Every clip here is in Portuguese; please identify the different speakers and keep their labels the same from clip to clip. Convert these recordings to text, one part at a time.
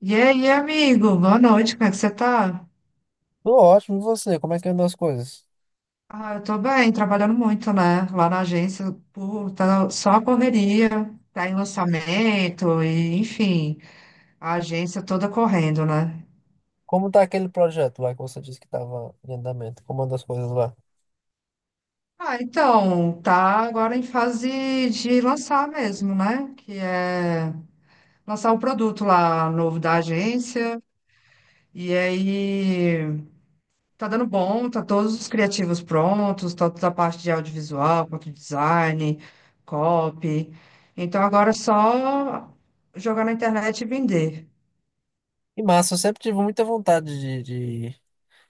Speaker 1: E aí, amigo? Boa noite, como é que você tá?
Speaker 2: Tô ótimo, e você? Como é que andam as coisas?
Speaker 1: Ah, eu tô bem, trabalhando muito, né? Lá na agência, pô, tá só a correria, tá em lançamento, e, enfim, a agência toda correndo, né?
Speaker 2: Como tá aquele projeto lá que você disse que tava em andamento? Como andam as coisas lá?
Speaker 1: Ah, então, tá agora em fase de lançar mesmo, né? Que é lançar o produto lá novo da agência, e aí. Tá dando bom, tá todos os criativos prontos, tá toda a parte de audiovisual, quanto design, copy. Então agora é só jogar na internet e vender.
Speaker 2: E massa, eu sempre tive muita vontade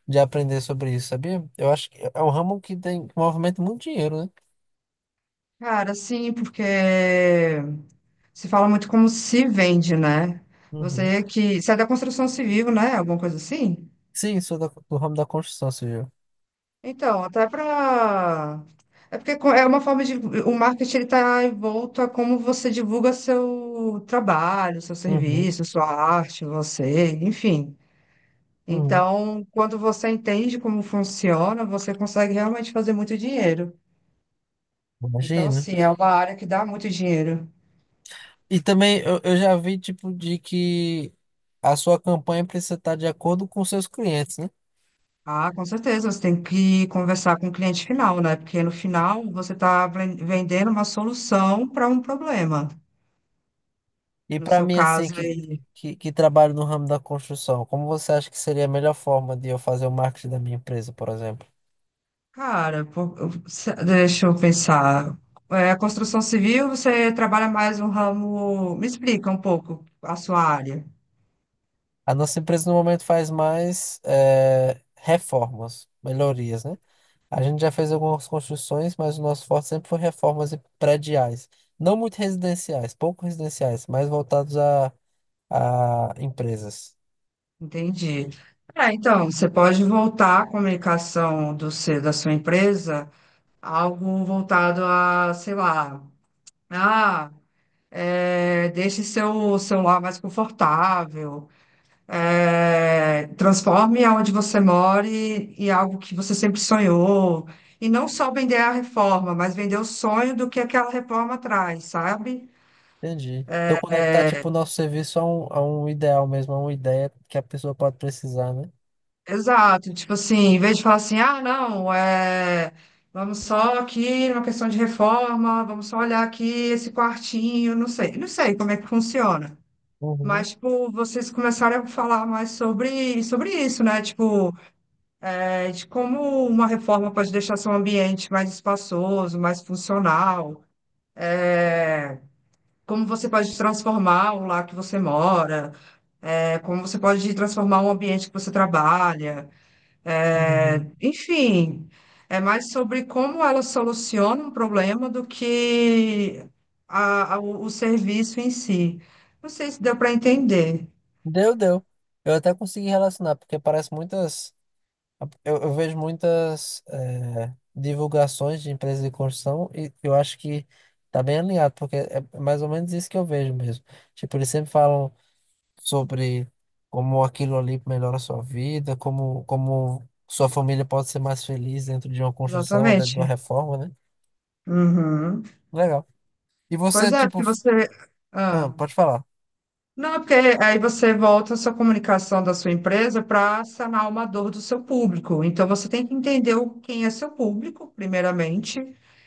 Speaker 2: de aprender sobre isso, sabia? Eu acho que é um ramo que tem, que movimenta muito dinheiro, né?
Speaker 1: Cara, sim, porque se fala muito como se vende, né?
Speaker 2: Uhum.
Speaker 1: Você que sai da construção civil, né? Alguma coisa assim?
Speaker 2: Sim, sou do ramo da construção civil.
Speaker 1: Então, até para. É porque é uma forma de. O marketing ele está envolto a como você divulga seu trabalho, seu
Speaker 2: Uhum,
Speaker 1: serviço, sua arte, você, enfim.
Speaker 2: uhum.
Speaker 1: Então, quando você entende como funciona, você consegue realmente fazer muito dinheiro. Então,
Speaker 2: Imagino.
Speaker 1: sim, é uma área que dá muito dinheiro.
Speaker 2: E também eu já vi, tipo, de que a sua campanha precisa estar de acordo com seus clientes, né?
Speaker 1: Ah, com certeza, você tem que conversar com o cliente final, né? Porque no final você está vendendo uma solução para um problema.
Speaker 2: E
Speaker 1: No
Speaker 2: para
Speaker 1: seu
Speaker 2: mim, assim,
Speaker 1: caso aí,
Speaker 2: que trabalho no ramo da construção, como você acha que seria a melhor forma de eu fazer o marketing da minha empresa, por exemplo?
Speaker 1: cara, deixa eu pensar. É, construção civil, você trabalha mais um ramo. Me explica um pouco a sua área.
Speaker 2: A nossa empresa no momento faz mais reformas, melhorias, né? A gente já fez algumas construções, mas o nosso forte sempre foi reformas e prediais. Não muito residenciais, pouco residenciais, mas voltados a empresas.
Speaker 1: Entendi. É, então, você pode voltar a comunicação do seu, da sua empresa algo voltado a, sei lá, ah, é, deixe seu celular mais confortável, é, transforme aonde você mora em algo que você sempre sonhou. E não só vender a reforma, mas vender o sonho do que aquela reforma traz, sabe?
Speaker 2: Entendi. Então conectar, tipo, o nosso serviço a um ideal mesmo, a uma ideia que a pessoa pode precisar, né?
Speaker 1: Exato, tipo assim, em vez de falar assim, ah, não, é, vamos só aqui numa questão de reforma, vamos só olhar aqui esse quartinho, não sei, não sei como é que funciona.
Speaker 2: Uhum,
Speaker 1: Mas, tipo, vocês começaram a falar mais sobre isso, né? Tipo, é, de como uma reforma pode deixar seu ambiente mais espaçoso, mais funcional, é, como você pode transformar o lar que você mora, é, como você pode transformar o ambiente que você trabalha. É,
Speaker 2: uhum.
Speaker 1: enfim, é mais sobre como ela soluciona um problema do que o serviço em si. Não sei se deu para entender
Speaker 2: Deu, deu. Eu até consegui relacionar, porque parece muitas. Eu vejo muitas divulgações de empresas de construção e eu acho que tá bem alinhado, porque é mais ou menos isso que eu vejo mesmo. Tipo, eles sempre falam sobre como aquilo ali melhora a sua vida, como sua família pode ser mais feliz dentro de uma construção ou dentro de uma
Speaker 1: exatamente.
Speaker 2: reforma, né?
Speaker 1: Uhum.
Speaker 2: Legal. E você,
Speaker 1: Pois é,
Speaker 2: tipo.
Speaker 1: porque você.
Speaker 2: Ah,
Speaker 1: Ah.
Speaker 2: pode falar.
Speaker 1: Não, é porque aí você volta a sua comunicação da sua empresa para sanar uma dor do seu público. Então você tem que entender quem é seu público, primeiramente.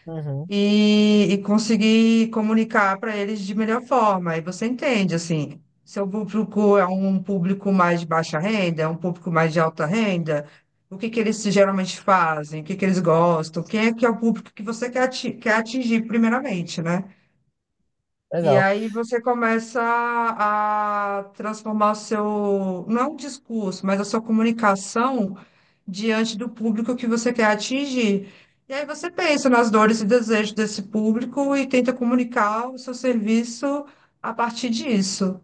Speaker 2: Uhum.
Speaker 1: E conseguir comunicar para eles de melhor forma. Aí você entende, assim, seu público é um público mais de baixa renda, é um público mais de alta renda, o que que eles geralmente fazem, o que que eles gostam, quem é que é o público que você quer atingir primeiramente, né? E
Speaker 2: Legal.
Speaker 1: aí você começa a transformar o seu, não é um discurso, mas a sua comunicação diante do público que você quer atingir. E aí você pensa nas dores e desejos desse público e tenta comunicar o seu serviço a partir disso.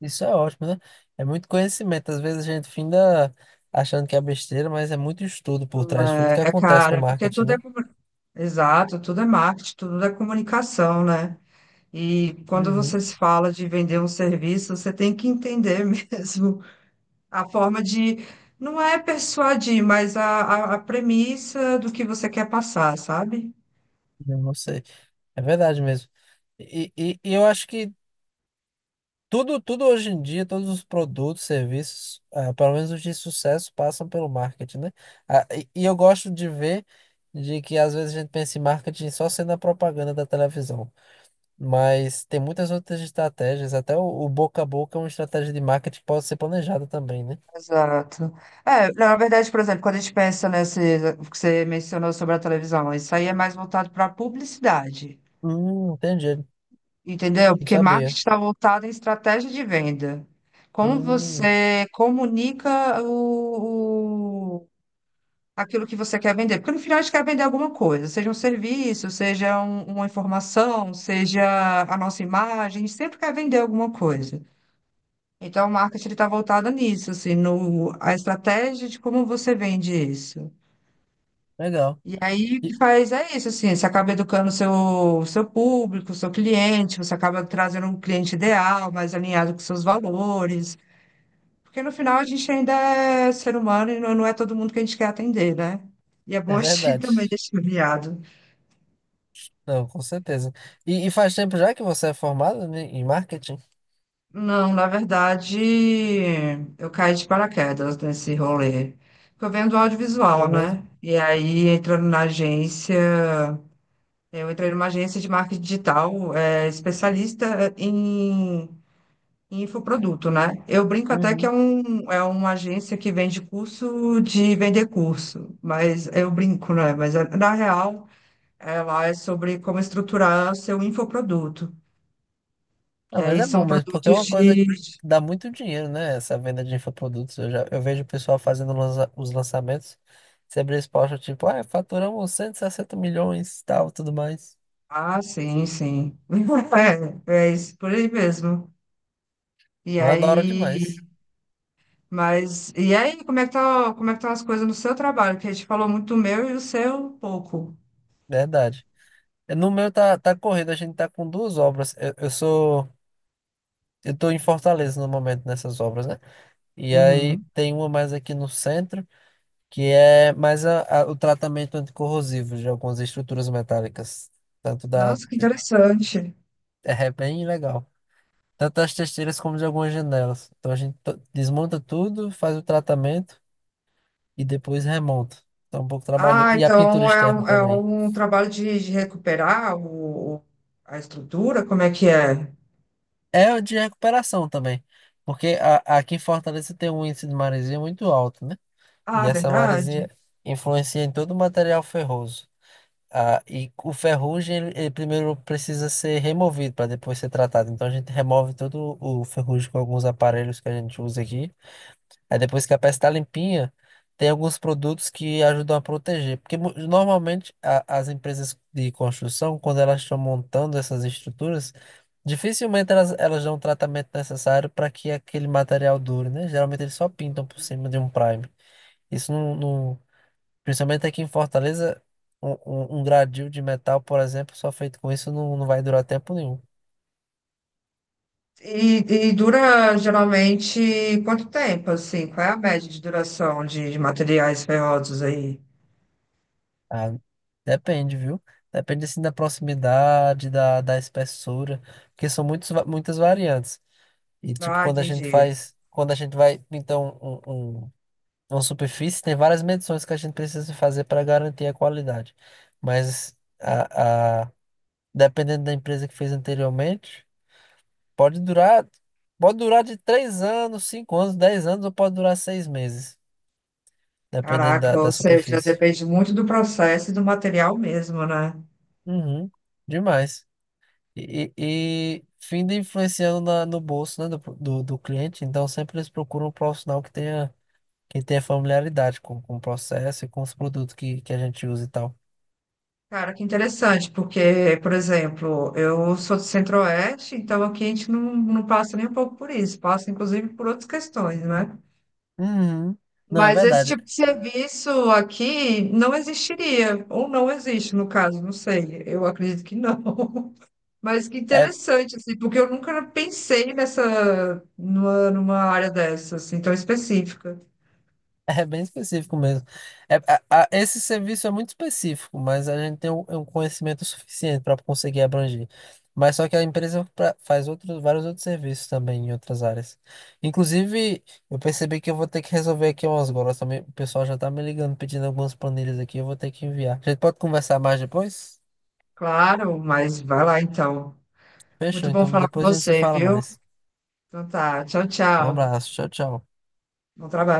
Speaker 2: Isso é ótimo, né? É muito conhecimento. Às vezes a gente finda achando que é besteira, mas é muito estudo por
Speaker 1: Não.
Speaker 2: trás de tudo
Speaker 1: É,
Speaker 2: que
Speaker 1: é
Speaker 2: acontece no
Speaker 1: cara, porque
Speaker 2: marketing, né?
Speaker 1: exato, tudo é marketing, tudo é comunicação, né? E quando você
Speaker 2: Uhum,
Speaker 1: se fala de vender um serviço, você tem que entender mesmo a forma de, não é persuadir, mas a premissa do que você quer passar, sabe?
Speaker 2: eu não sei. É verdade mesmo. E eu acho que tudo hoje em dia, todos os produtos, serviços, ah, pelo menos os de sucesso, passam pelo marketing, né? Ah, e eu gosto de ver de que às vezes a gente pensa em marketing só sendo a propaganda da televisão. Mas tem muitas outras estratégias, até o boca a boca é uma estratégia de marketing que pode ser planejada também, né?
Speaker 1: Exato. É, na verdade, por exemplo, quando a gente pensa nesse que você mencionou sobre a televisão, isso aí é mais voltado para publicidade,
Speaker 2: Entendi.
Speaker 1: entendeu?
Speaker 2: Não
Speaker 1: Porque marketing
Speaker 2: sabia.
Speaker 1: está voltado em estratégia de venda. Como
Speaker 2: Hum,
Speaker 1: você comunica aquilo que você quer vender. Porque no final a gente quer vender alguma coisa, seja um serviço, seja uma informação, seja a nossa imagem, a gente sempre quer vender alguma coisa. Então, o marketing está voltado nisso, assim, no, a estratégia de como você vende isso.
Speaker 2: legal.
Speaker 1: E aí, o
Speaker 2: E-
Speaker 1: que faz é isso, assim, você acaba educando o seu público, o seu cliente, você acaba trazendo um cliente ideal, mais alinhado com seus valores. Porque no final a gente ainda é ser humano e não é todo mundo que a gente quer atender, né? E é bom
Speaker 2: É
Speaker 1: a gente
Speaker 2: verdade.
Speaker 1: também deixar viado.
Speaker 2: Não, com certeza. E faz tempo já que você é formado, né, em marketing?
Speaker 1: Não, na verdade, eu caí de paraquedas nesse rolê. Porque eu venho do
Speaker 2: Foi
Speaker 1: audiovisual,
Speaker 2: mesmo?
Speaker 1: né? E aí, entrando na agência, eu entrei numa agência de marketing digital, é, especialista em, em infoproduto, né? Eu brinco até que é,
Speaker 2: Uhum.
Speaker 1: um, é uma agência que vende curso de vender curso, mas eu brinco, né? Mas na real. Ela é sobre como estruturar o seu infoproduto, que
Speaker 2: Ah, mas
Speaker 1: aí
Speaker 2: é bom
Speaker 1: são
Speaker 2: mesmo, porque é
Speaker 1: produtos
Speaker 2: uma coisa que
Speaker 1: de...
Speaker 2: dá muito dinheiro, né? Essa venda de infoprodutos. Eu vejo o pessoal fazendo os lançamentos. Você abre esse post, tipo, ah, faturamos 160 milhões, tal, tudo mais.
Speaker 1: Ah, sim, sim. É, é isso, por aí mesmo. E
Speaker 2: Mas é da hora
Speaker 1: aí,
Speaker 2: demais.
Speaker 1: mas, e aí, como é que tá, como é que estão as coisas no seu trabalho? Que a gente falou muito do meu e o seu pouco.
Speaker 2: Verdade. No meu tá, tá corrido, a gente tá com duas obras. Eu sou. Eu estou em Fortaleza no momento nessas obras, né? E aí
Speaker 1: Uhum.
Speaker 2: tem uma mais aqui no centro, que é mais o tratamento anticorrosivo de algumas estruturas metálicas. Tanto da.
Speaker 1: Nossa, que interessante.
Speaker 2: É bem legal. Tanto das testeiras como de algumas janelas. Então a gente desmonta tudo, faz o tratamento e depois remonta. Então é um pouco trabalho.
Speaker 1: Ah,
Speaker 2: E a pintura
Speaker 1: então
Speaker 2: externa
Speaker 1: é
Speaker 2: também.
Speaker 1: um trabalho de recuperar a estrutura? Como é que é?
Speaker 2: É de recuperação também. Porque aqui em Fortaleza tem um índice de maresia muito alto, né? E
Speaker 1: Ah,
Speaker 2: essa
Speaker 1: verdade.
Speaker 2: maresia influencia em todo o material ferroso. Ah, e o ferrugem, ele primeiro precisa ser removido para depois ser tratado. Então a gente remove todo o ferrugem com alguns aparelhos que a gente usa aqui. Aí depois que a peça está limpinha, tem alguns produtos que ajudam a proteger. Porque normalmente as empresas de construção, quando elas estão montando essas estruturas, dificilmente elas dão o tratamento necessário para que aquele material dure, né? Geralmente eles só pintam por cima de um prime. Isso não, não. Principalmente aqui em Fortaleza, um gradil de metal, por exemplo, só feito com isso não, não vai durar tempo nenhum.
Speaker 1: E dura geralmente quanto tempo, assim? Qual é a média de duração de materiais ferrosos aí?
Speaker 2: Ah, depende, viu? Depende assim da proximidade, da espessura, porque são muitas variantes. E tipo,
Speaker 1: Ah, entendi.
Speaker 2: quando a gente vai pintar um- uma superfície, tem várias medições que a gente precisa fazer para garantir a qualidade. Mas dependendo da empresa que fez anteriormente. Pode durar, pode durar de 3 anos, 5 anos, 10 anos ou pode durar 6 meses, dependendo
Speaker 1: Caraca, ou
Speaker 2: da
Speaker 1: seja,
Speaker 2: superfície.
Speaker 1: depende muito do processo e do material mesmo, né?
Speaker 2: Uhum, demais. E, e, e finda influenciando no bolso, né, do cliente, então sempre eles procuram um profissional que tenha familiaridade com o processo e com os produtos que a gente usa e tal.
Speaker 1: Cara, que interessante, porque, por exemplo, eu sou do Centro-Oeste, então aqui a gente não, não passa nem um pouco por isso, passa inclusive por outras questões, né?
Speaker 2: Uhum. Não, é
Speaker 1: Mas esse
Speaker 2: verdade.
Speaker 1: tipo de serviço aqui não existiria, ou não existe, no caso, não sei, eu acredito que não. Mas que
Speaker 2: É.
Speaker 1: interessante, assim, porque eu nunca pensei nessa, numa, numa área dessa, assim, tão específica.
Speaker 2: É bem específico mesmo. É, esse serviço é muito específico, mas a gente tem um, é um conhecimento suficiente para conseguir abranger. Mas só que a empresa faz outros, vários outros serviços também em outras áreas. Inclusive, eu percebi que eu vou ter que resolver aqui umas golas também. O pessoal já tá me ligando, pedindo algumas planilhas aqui, eu vou ter que enviar. A gente pode conversar mais depois?
Speaker 1: Claro, mas vai lá então.
Speaker 2: Fechou,
Speaker 1: Muito bom
Speaker 2: então
Speaker 1: falar com
Speaker 2: depois a gente se
Speaker 1: você,
Speaker 2: fala
Speaker 1: viu?
Speaker 2: mais.
Speaker 1: Então tá, tchau,
Speaker 2: Um
Speaker 1: tchau.
Speaker 2: abraço, tchau, tchau.
Speaker 1: Bom trabalho.